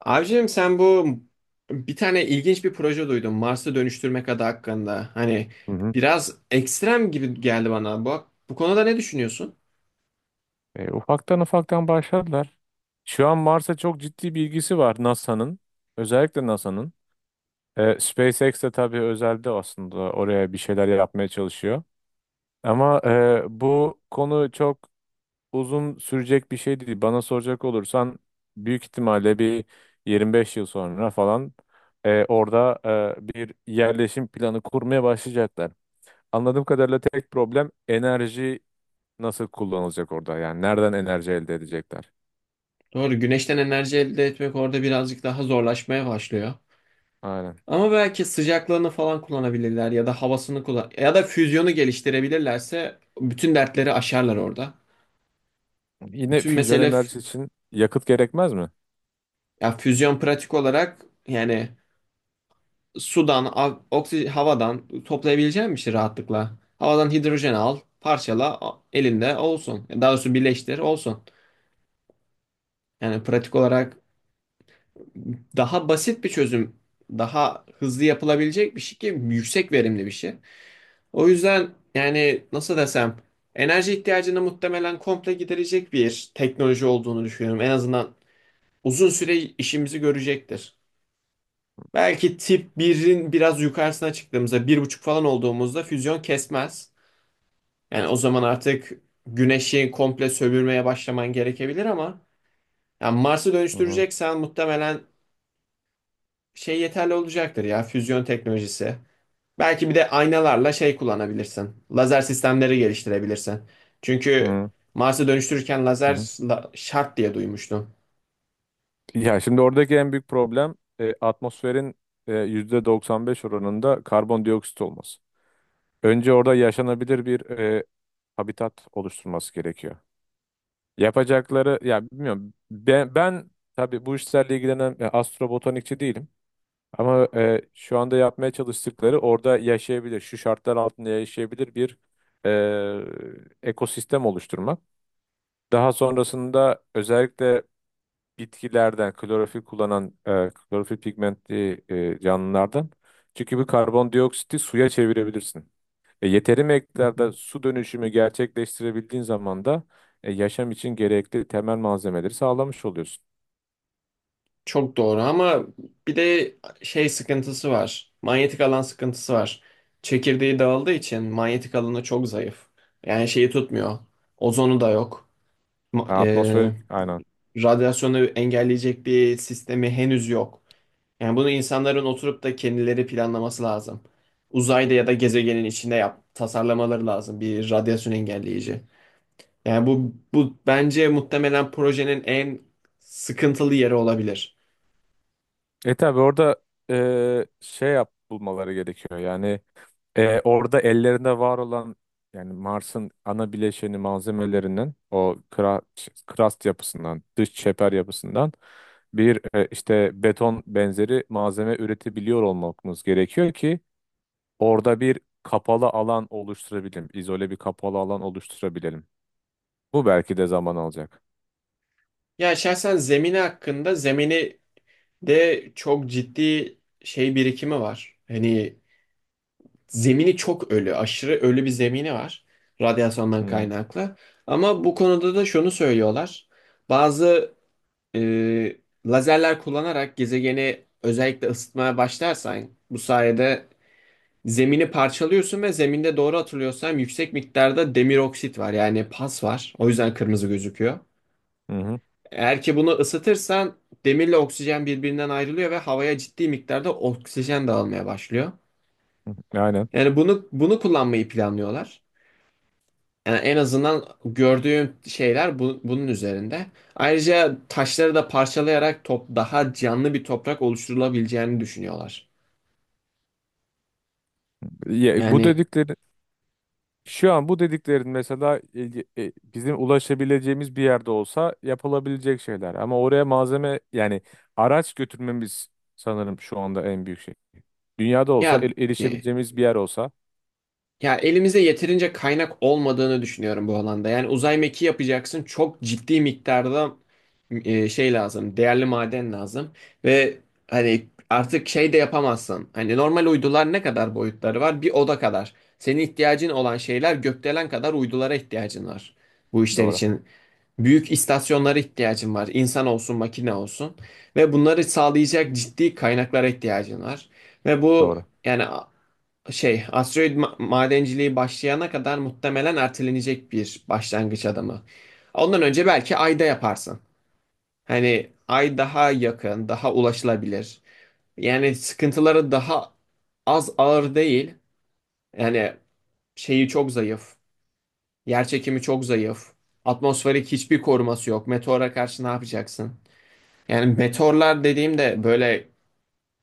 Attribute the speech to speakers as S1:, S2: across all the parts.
S1: Abicim, sen bu bir tane ilginç bir proje duydum. Mars'ı dönüştürmek adı hakkında. Hani
S2: Hı hı.
S1: biraz ekstrem gibi geldi bana. Bu konuda ne düşünüyorsun?
S2: Ufaktan başladılar. Şu an Mars'a çok ciddi bir ilgisi var NASA'nın. Özellikle NASA'nın. SpaceX de tabii özelde aslında oraya bir şeyler yapmaya çalışıyor. Ama bu konu çok uzun sürecek bir şey değil. Bana soracak olursan büyük ihtimalle bir 25 yıl sonra falan, orada bir yerleşim planı kurmaya başlayacaklar. Anladığım kadarıyla tek problem enerji nasıl kullanılacak orada? Yani nereden enerji elde edecekler?
S1: Doğru, güneşten enerji elde etmek orada birazcık daha zorlaşmaya başlıyor.
S2: Aynen.
S1: Ama belki sıcaklığını falan kullanabilirler ya da havasını kullan ya da füzyonu geliştirebilirlerse bütün dertleri aşarlar orada.
S2: Yine
S1: Bütün
S2: füzyon
S1: mesele
S2: enerjisi için yakıt gerekmez mi?
S1: ya füzyon pratik olarak yani sudan, havadan toplayabileceğin bir şey rahatlıkla. Havadan hidrojen al, parçala, elinde olsun. Daha doğrusu birleştir, olsun. Yani pratik olarak daha basit bir çözüm, daha hızlı yapılabilecek bir şey ki yüksek verimli bir şey. O yüzden yani nasıl desem enerji ihtiyacını muhtemelen komple giderecek bir teknoloji olduğunu düşünüyorum. En azından uzun süre işimizi görecektir. Belki tip birin biraz yukarısına çıktığımızda bir buçuk falan olduğumuzda füzyon kesmez. Yani o zaman artık güneşi komple sömürmeye başlaman gerekebilir ama yani Mars'ı
S2: Hı hı.
S1: dönüştüreceksen muhtemelen şey yeterli olacaktır ya füzyon teknolojisi. Belki bir de aynalarla şey kullanabilirsin. Lazer sistemleri geliştirebilirsin. Çünkü
S2: Hı
S1: Mars'ı dönüştürürken lazer
S2: hı.
S1: şart diye duymuştum.
S2: Ya şimdi oradaki en büyük problem atmosferin %95 oranında karbondioksit olması. Önce orada yaşanabilir bir habitat oluşturması gerekiyor. Yapacakları ya bilmiyorum, ben tabii bu işlerle ilgilenen astrobotanikçi değilim. Ama şu anda yapmaya çalıştıkları orada yaşayabilir, şu şartlar altında yaşayabilir bir ekosistem oluşturmak. Daha sonrasında özellikle bitkilerden klorofil kullanan klorofil pigmentli canlılardan, çünkü bu karbondioksiti suya çevirebilirsin. Yeteri miktarda su dönüşümü gerçekleştirebildiğin zaman da yaşam için gerekli temel malzemeleri sağlamış oluyorsun.
S1: Çok doğru ama bir de şey sıkıntısı var. Manyetik alan sıkıntısı var. Çekirdeği dağıldığı için manyetik alanı çok zayıf. Yani şeyi tutmuyor. Ozonu da yok. Ma-
S2: Atmosferik, aynen.
S1: e, Radyasyonu engelleyecek bir sistemi henüz yok. Yani bunu insanların oturup da kendileri planlaması lazım. Uzayda ya da gezegenin içinde yap, tasarlamaları lazım bir radyasyon engelleyici. Yani bu bence muhtemelen projenin en sıkıntılı yeri olabilir.
S2: E tabi orada şey yap bulmaları gerekiyor. Yani orada ellerinde var olan, yani Mars'ın ana bileşeni malzemelerinden, o kra-, krast yapısından, dış çeper yapısından bir işte beton benzeri malzeme üretebiliyor olmamız gerekiyor ki orada bir kapalı alan oluşturabilelim. İzole bir kapalı alan oluşturabilelim. Bu belki de zaman alacak.
S1: Ya şahsen zemini de çok ciddi şey birikimi var. Hani zemini çok ölü, aşırı ölü bir zemini var radyasyondan
S2: Hı
S1: kaynaklı. Ama bu konuda da şunu söylüyorlar. Bazı e, lazerler kullanarak gezegeni özellikle ısıtmaya başlarsan bu sayede zemini parçalıyorsun ve zeminde doğru hatırlıyorsam yüksek miktarda demir oksit var yani pas var. O yüzden kırmızı gözüküyor.
S2: hı hı.
S1: Eğer ki bunu ısıtırsan demirle oksijen birbirinden ayrılıyor ve havaya ciddi miktarda oksijen dağılmaya başlıyor.
S2: Aynen.
S1: Yani bunu kullanmayı planlıyorlar. Yani en azından gördüğüm şeyler bunun üzerinde. Ayrıca taşları da parçalayarak top daha canlı bir toprak oluşturulabileceğini düşünüyorlar.
S2: Ya, bu
S1: Yani
S2: dedikleri Şu an bu dediklerin mesela ilgi-, bizim ulaşabileceğimiz bir yerde olsa yapılabilecek şeyler. Ama oraya malzeme, yani araç götürmemiz sanırım şu anda en büyük şey. Dünyada olsa,
S1: ya
S2: el-
S1: e,
S2: erişebileceğimiz bir yer olsa.
S1: Ya elimizde yeterince kaynak olmadığını düşünüyorum bu alanda. Yani uzay mekiği yapacaksın. Çok ciddi miktarda şey lazım. Değerli maden lazım. Ve hani artık şey de yapamazsın. Hani normal uydular ne kadar boyutları var? Bir oda kadar. Senin ihtiyacın olan şeyler gökdelen kadar uydulara ihtiyacın var. Bu işler
S2: Doğru.
S1: için. Büyük istasyonlara ihtiyacın var. İnsan olsun, makine olsun. Ve bunları sağlayacak ciddi kaynaklara ihtiyacın var. Ve bu
S2: Doğru.
S1: yani şey asteroid madenciliği başlayana kadar muhtemelen ertelenecek bir başlangıç adımı. Ondan önce belki Ayda yaparsın. Hani Ay daha yakın, daha ulaşılabilir. Yani sıkıntıları daha az ağır değil. Yani şeyi çok zayıf. Yer çekimi çok zayıf. Atmosferik hiçbir koruması yok. Meteora karşı ne yapacaksın? Yani meteorlar dediğimde böyle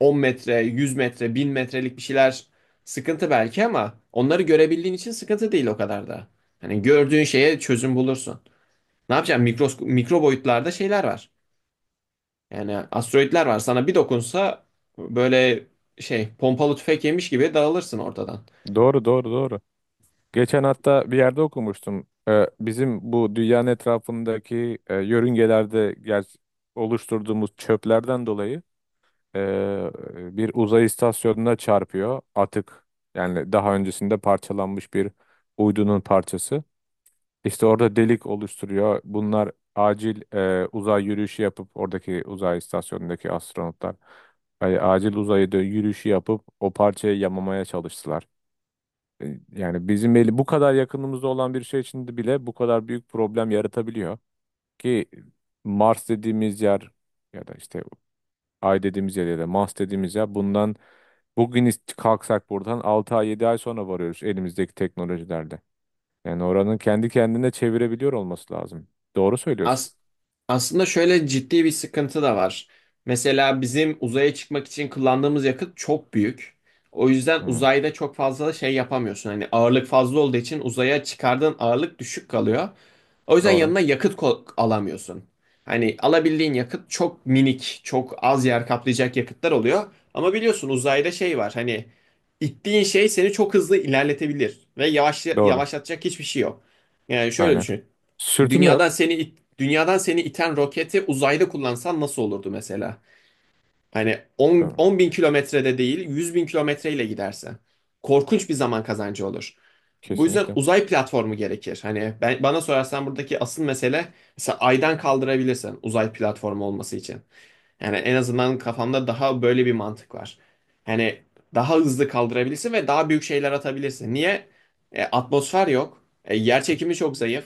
S1: 10 metre, 100 metre, 1000 metrelik bir şeyler sıkıntı belki ama onları görebildiğin için sıkıntı değil o kadar da. Hani gördüğün şeye çözüm bulursun. Ne yapacaksın? Mikro, mikro boyutlarda şeyler var. Yani asteroidler var. Sana bir dokunsa böyle şey pompalı tüfek yemiş gibi dağılırsın ortadan.
S2: Doğru, doğru, doğru. Geçen hatta bir yerde okumuştum. Bizim bu dünyanın etrafındaki yörüngelerde ger- oluşturduğumuz çöplerden dolayı Ee, bir uzay istasyonuna çarpıyor atık. Yani daha öncesinde parçalanmış bir uydunun parçası. İşte orada delik oluşturuyor. Bunlar acil uzay yürüyüşü yapıp oradaki uzay istasyonundaki astronotlar acil uzayda yürüyüşü yapıp o parçayı yamamaya çalıştılar. Yani bizim eli bu kadar yakınımızda olan bir şey içinde bile bu kadar büyük problem yaratabiliyor ki Mars dediğimiz yer, ya da işte Ay dediğimiz yer ya da Mars dediğimiz yer bundan... Bugün ist- kalksak buradan 6 ay, 7 ay sonra varıyoruz elimizdeki teknolojilerle. Yani oranın kendi kendine çevirebiliyor olması lazım. Doğru söylüyorsun.
S1: As- Aslında şöyle ciddi bir sıkıntı da var. Mesela bizim uzaya çıkmak için kullandığımız yakıt çok büyük. O yüzden
S2: Hı,
S1: uzayda çok fazla şey yapamıyorsun. Hani ağırlık fazla olduğu için uzaya çıkardığın ağırlık düşük kalıyor. O yüzden
S2: doğru.
S1: yanına yakıt alamıyorsun. Hani alabildiğin yakıt çok minik, çok az yer kaplayacak yakıtlar oluyor. Ama biliyorsun uzayda şey var. Hani ittiğin şey seni çok hızlı ilerletebilir ve yavaş
S2: Doğru.
S1: yavaşlatacak hiçbir şey yok. Yani şöyle
S2: Aynen.
S1: düşün.
S2: Sürtünme yok.
S1: Dünyadan seni iten roketi uzayda kullansan nasıl olurdu mesela? Hani 10,
S2: Doğru.
S1: 10 bin kilometrede değil 100 bin kilometreyle gidersen. Korkunç bir zaman kazancı olur. Bu yüzden
S2: Kesinlikle.
S1: uzay platformu gerekir. Hani ben, bana sorarsan buradaki asıl mesele mesela aydan kaldırabilirsin uzay platformu olması için. Yani en azından kafamda daha böyle bir mantık var. Hani daha hızlı kaldırabilirsin ve daha büyük şeyler atabilirsin. Niye? Atmosfer yok. Yer çekimi çok zayıf.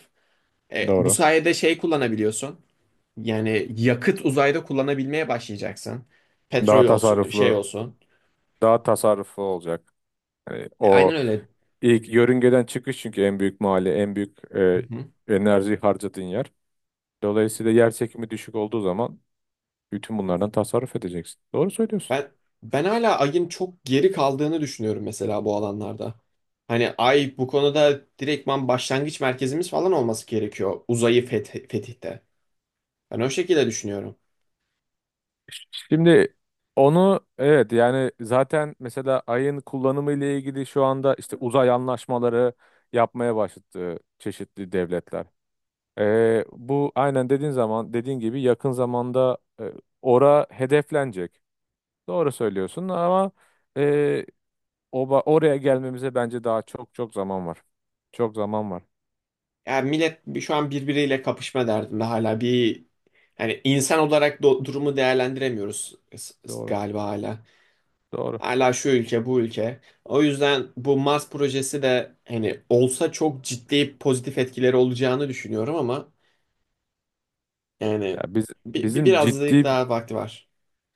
S1: Bu
S2: Doğru.
S1: sayede şey kullanabiliyorsun. Yani yakıt uzayda kullanabilmeye başlayacaksın. Petrol
S2: Daha
S1: olsun, şey
S2: tasarruflu,
S1: olsun.
S2: daha tasarruflu olacak. Yani
S1: Aynen
S2: o
S1: öyle.
S2: ilk yörüngeden çıkış, çünkü en büyük mali, en büyük
S1: Hı hı.
S2: enerji harcadığın yer. Dolayısıyla yer çekimi düşük olduğu zaman bütün bunlardan tasarruf edeceksin. Doğru söylüyorsun.
S1: Ben ben hala Ay'ın çok geri kaldığını düşünüyorum mesela bu alanlarda. Hani Ay bu konuda direktman başlangıç merkezimiz falan olması gerekiyor uzayı fetihte. Ben o şekilde düşünüyorum.
S2: Şimdi onu, evet, yani zaten mesela ayın kullanımı ile ilgili şu anda işte uzay anlaşmaları yapmaya başladı çeşitli devletler. Bu aynen dediğin zaman, dediğin gibi yakın zamanda ora hedeflenecek. Doğru söylüyorsun ama e, oba-, oraya gelmemize bence daha çok çok zaman var. Çok zaman var.
S1: Yani millet şu an birbiriyle kapışma derdinde hala bir hani insan olarak durumu değerlendiremiyoruz
S2: Doğru.
S1: galiba hala.
S2: Doğru.
S1: Hala şu ülke, bu ülke. O yüzden bu Mars projesi de hani olsa çok ciddi pozitif etkileri olacağını düşünüyorum ama yani
S2: Ya biz bizim
S1: birazcık
S2: ciddi
S1: daha vakti var.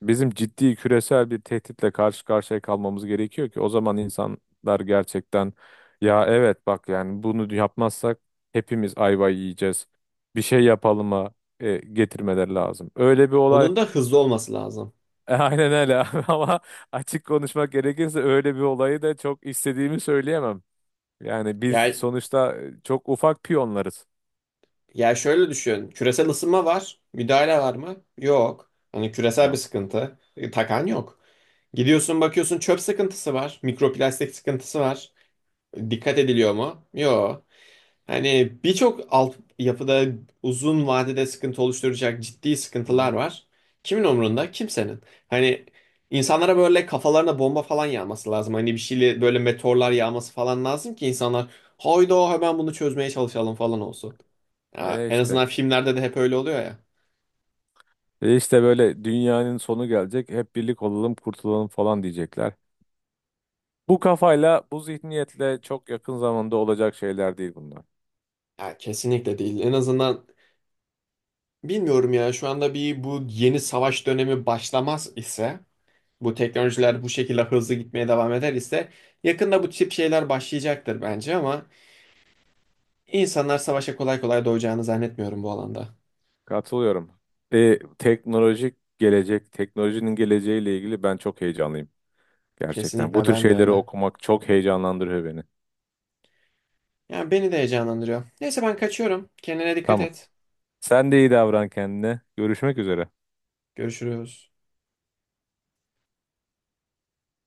S2: Bizim ciddi küresel bir tehditle karşı karşıya kalmamız gerekiyor ki o zaman insanlar gerçekten ya evet bak yani bunu yapmazsak hepimiz ayva yiyeceğiz. Bir şey yapalım'a getirmeleri lazım. Öyle bir olay...
S1: Onun da hızlı olması lazım.
S2: Aynen öyle. Ama açık konuşmak gerekirse, öyle bir olayı da çok istediğimi söyleyemem. Yani biz
S1: Yani
S2: sonuçta çok ufak piyonlarız.
S1: ya şöyle düşün. Küresel ısınma var. Müdahale var mı? Yok. Hani küresel bir sıkıntı. Takan yok. Gidiyorsun bakıyorsun çöp sıkıntısı var. Mikroplastik sıkıntısı var. Dikkat ediliyor mu? Yok. Hani birçok alt yapıda uzun vadede sıkıntı oluşturacak ciddi
S2: Hı hı.
S1: sıkıntılar var. Kimin umrunda? Kimsenin. Hani insanlara böyle kafalarına bomba falan yağması lazım. Hani bir şeyle böyle meteorlar yağması falan lazım ki insanlar hayda hemen bunu çözmeye çalışalım falan olsun. Ya,
S2: E
S1: en
S2: işte.
S1: azından filmlerde de hep öyle oluyor ya.
S2: E işte, böyle dünyanın sonu gelecek. Hep birlik olalım, kurtulalım falan diyecekler. Bu kafayla, bu zihniyetle çok yakın zamanda olacak şeyler değil bunlar.
S1: Ya kesinlikle değil. En azından bilmiyorum ya şu anda bir bu yeni savaş dönemi başlamaz ise bu teknolojiler bu şekilde hızlı gitmeye devam eder ise yakında bu tip şeyler başlayacaktır bence ama insanlar savaşa kolay kolay doyacağını zannetmiyorum bu alanda.
S2: Katılıyorum. Teknolojik gelecek, teknolojinin geleceğiyle ilgili ben çok heyecanlıyım. Gerçekten. Bu
S1: Kesinlikle
S2: tür
S1: ben de
S2: şeyleri
S1: öyle.
S2: okumak çok heyecanlandırıyor beni.
S1: Yani beni de heyecanlandırıyor. Neyse ben kaçıyorum. Kendine dikkat
S2: Tamam.
S1: et.
S2: Sen de iyi davran kendine. Görüşmek üzere.
S1: Görüşürüz.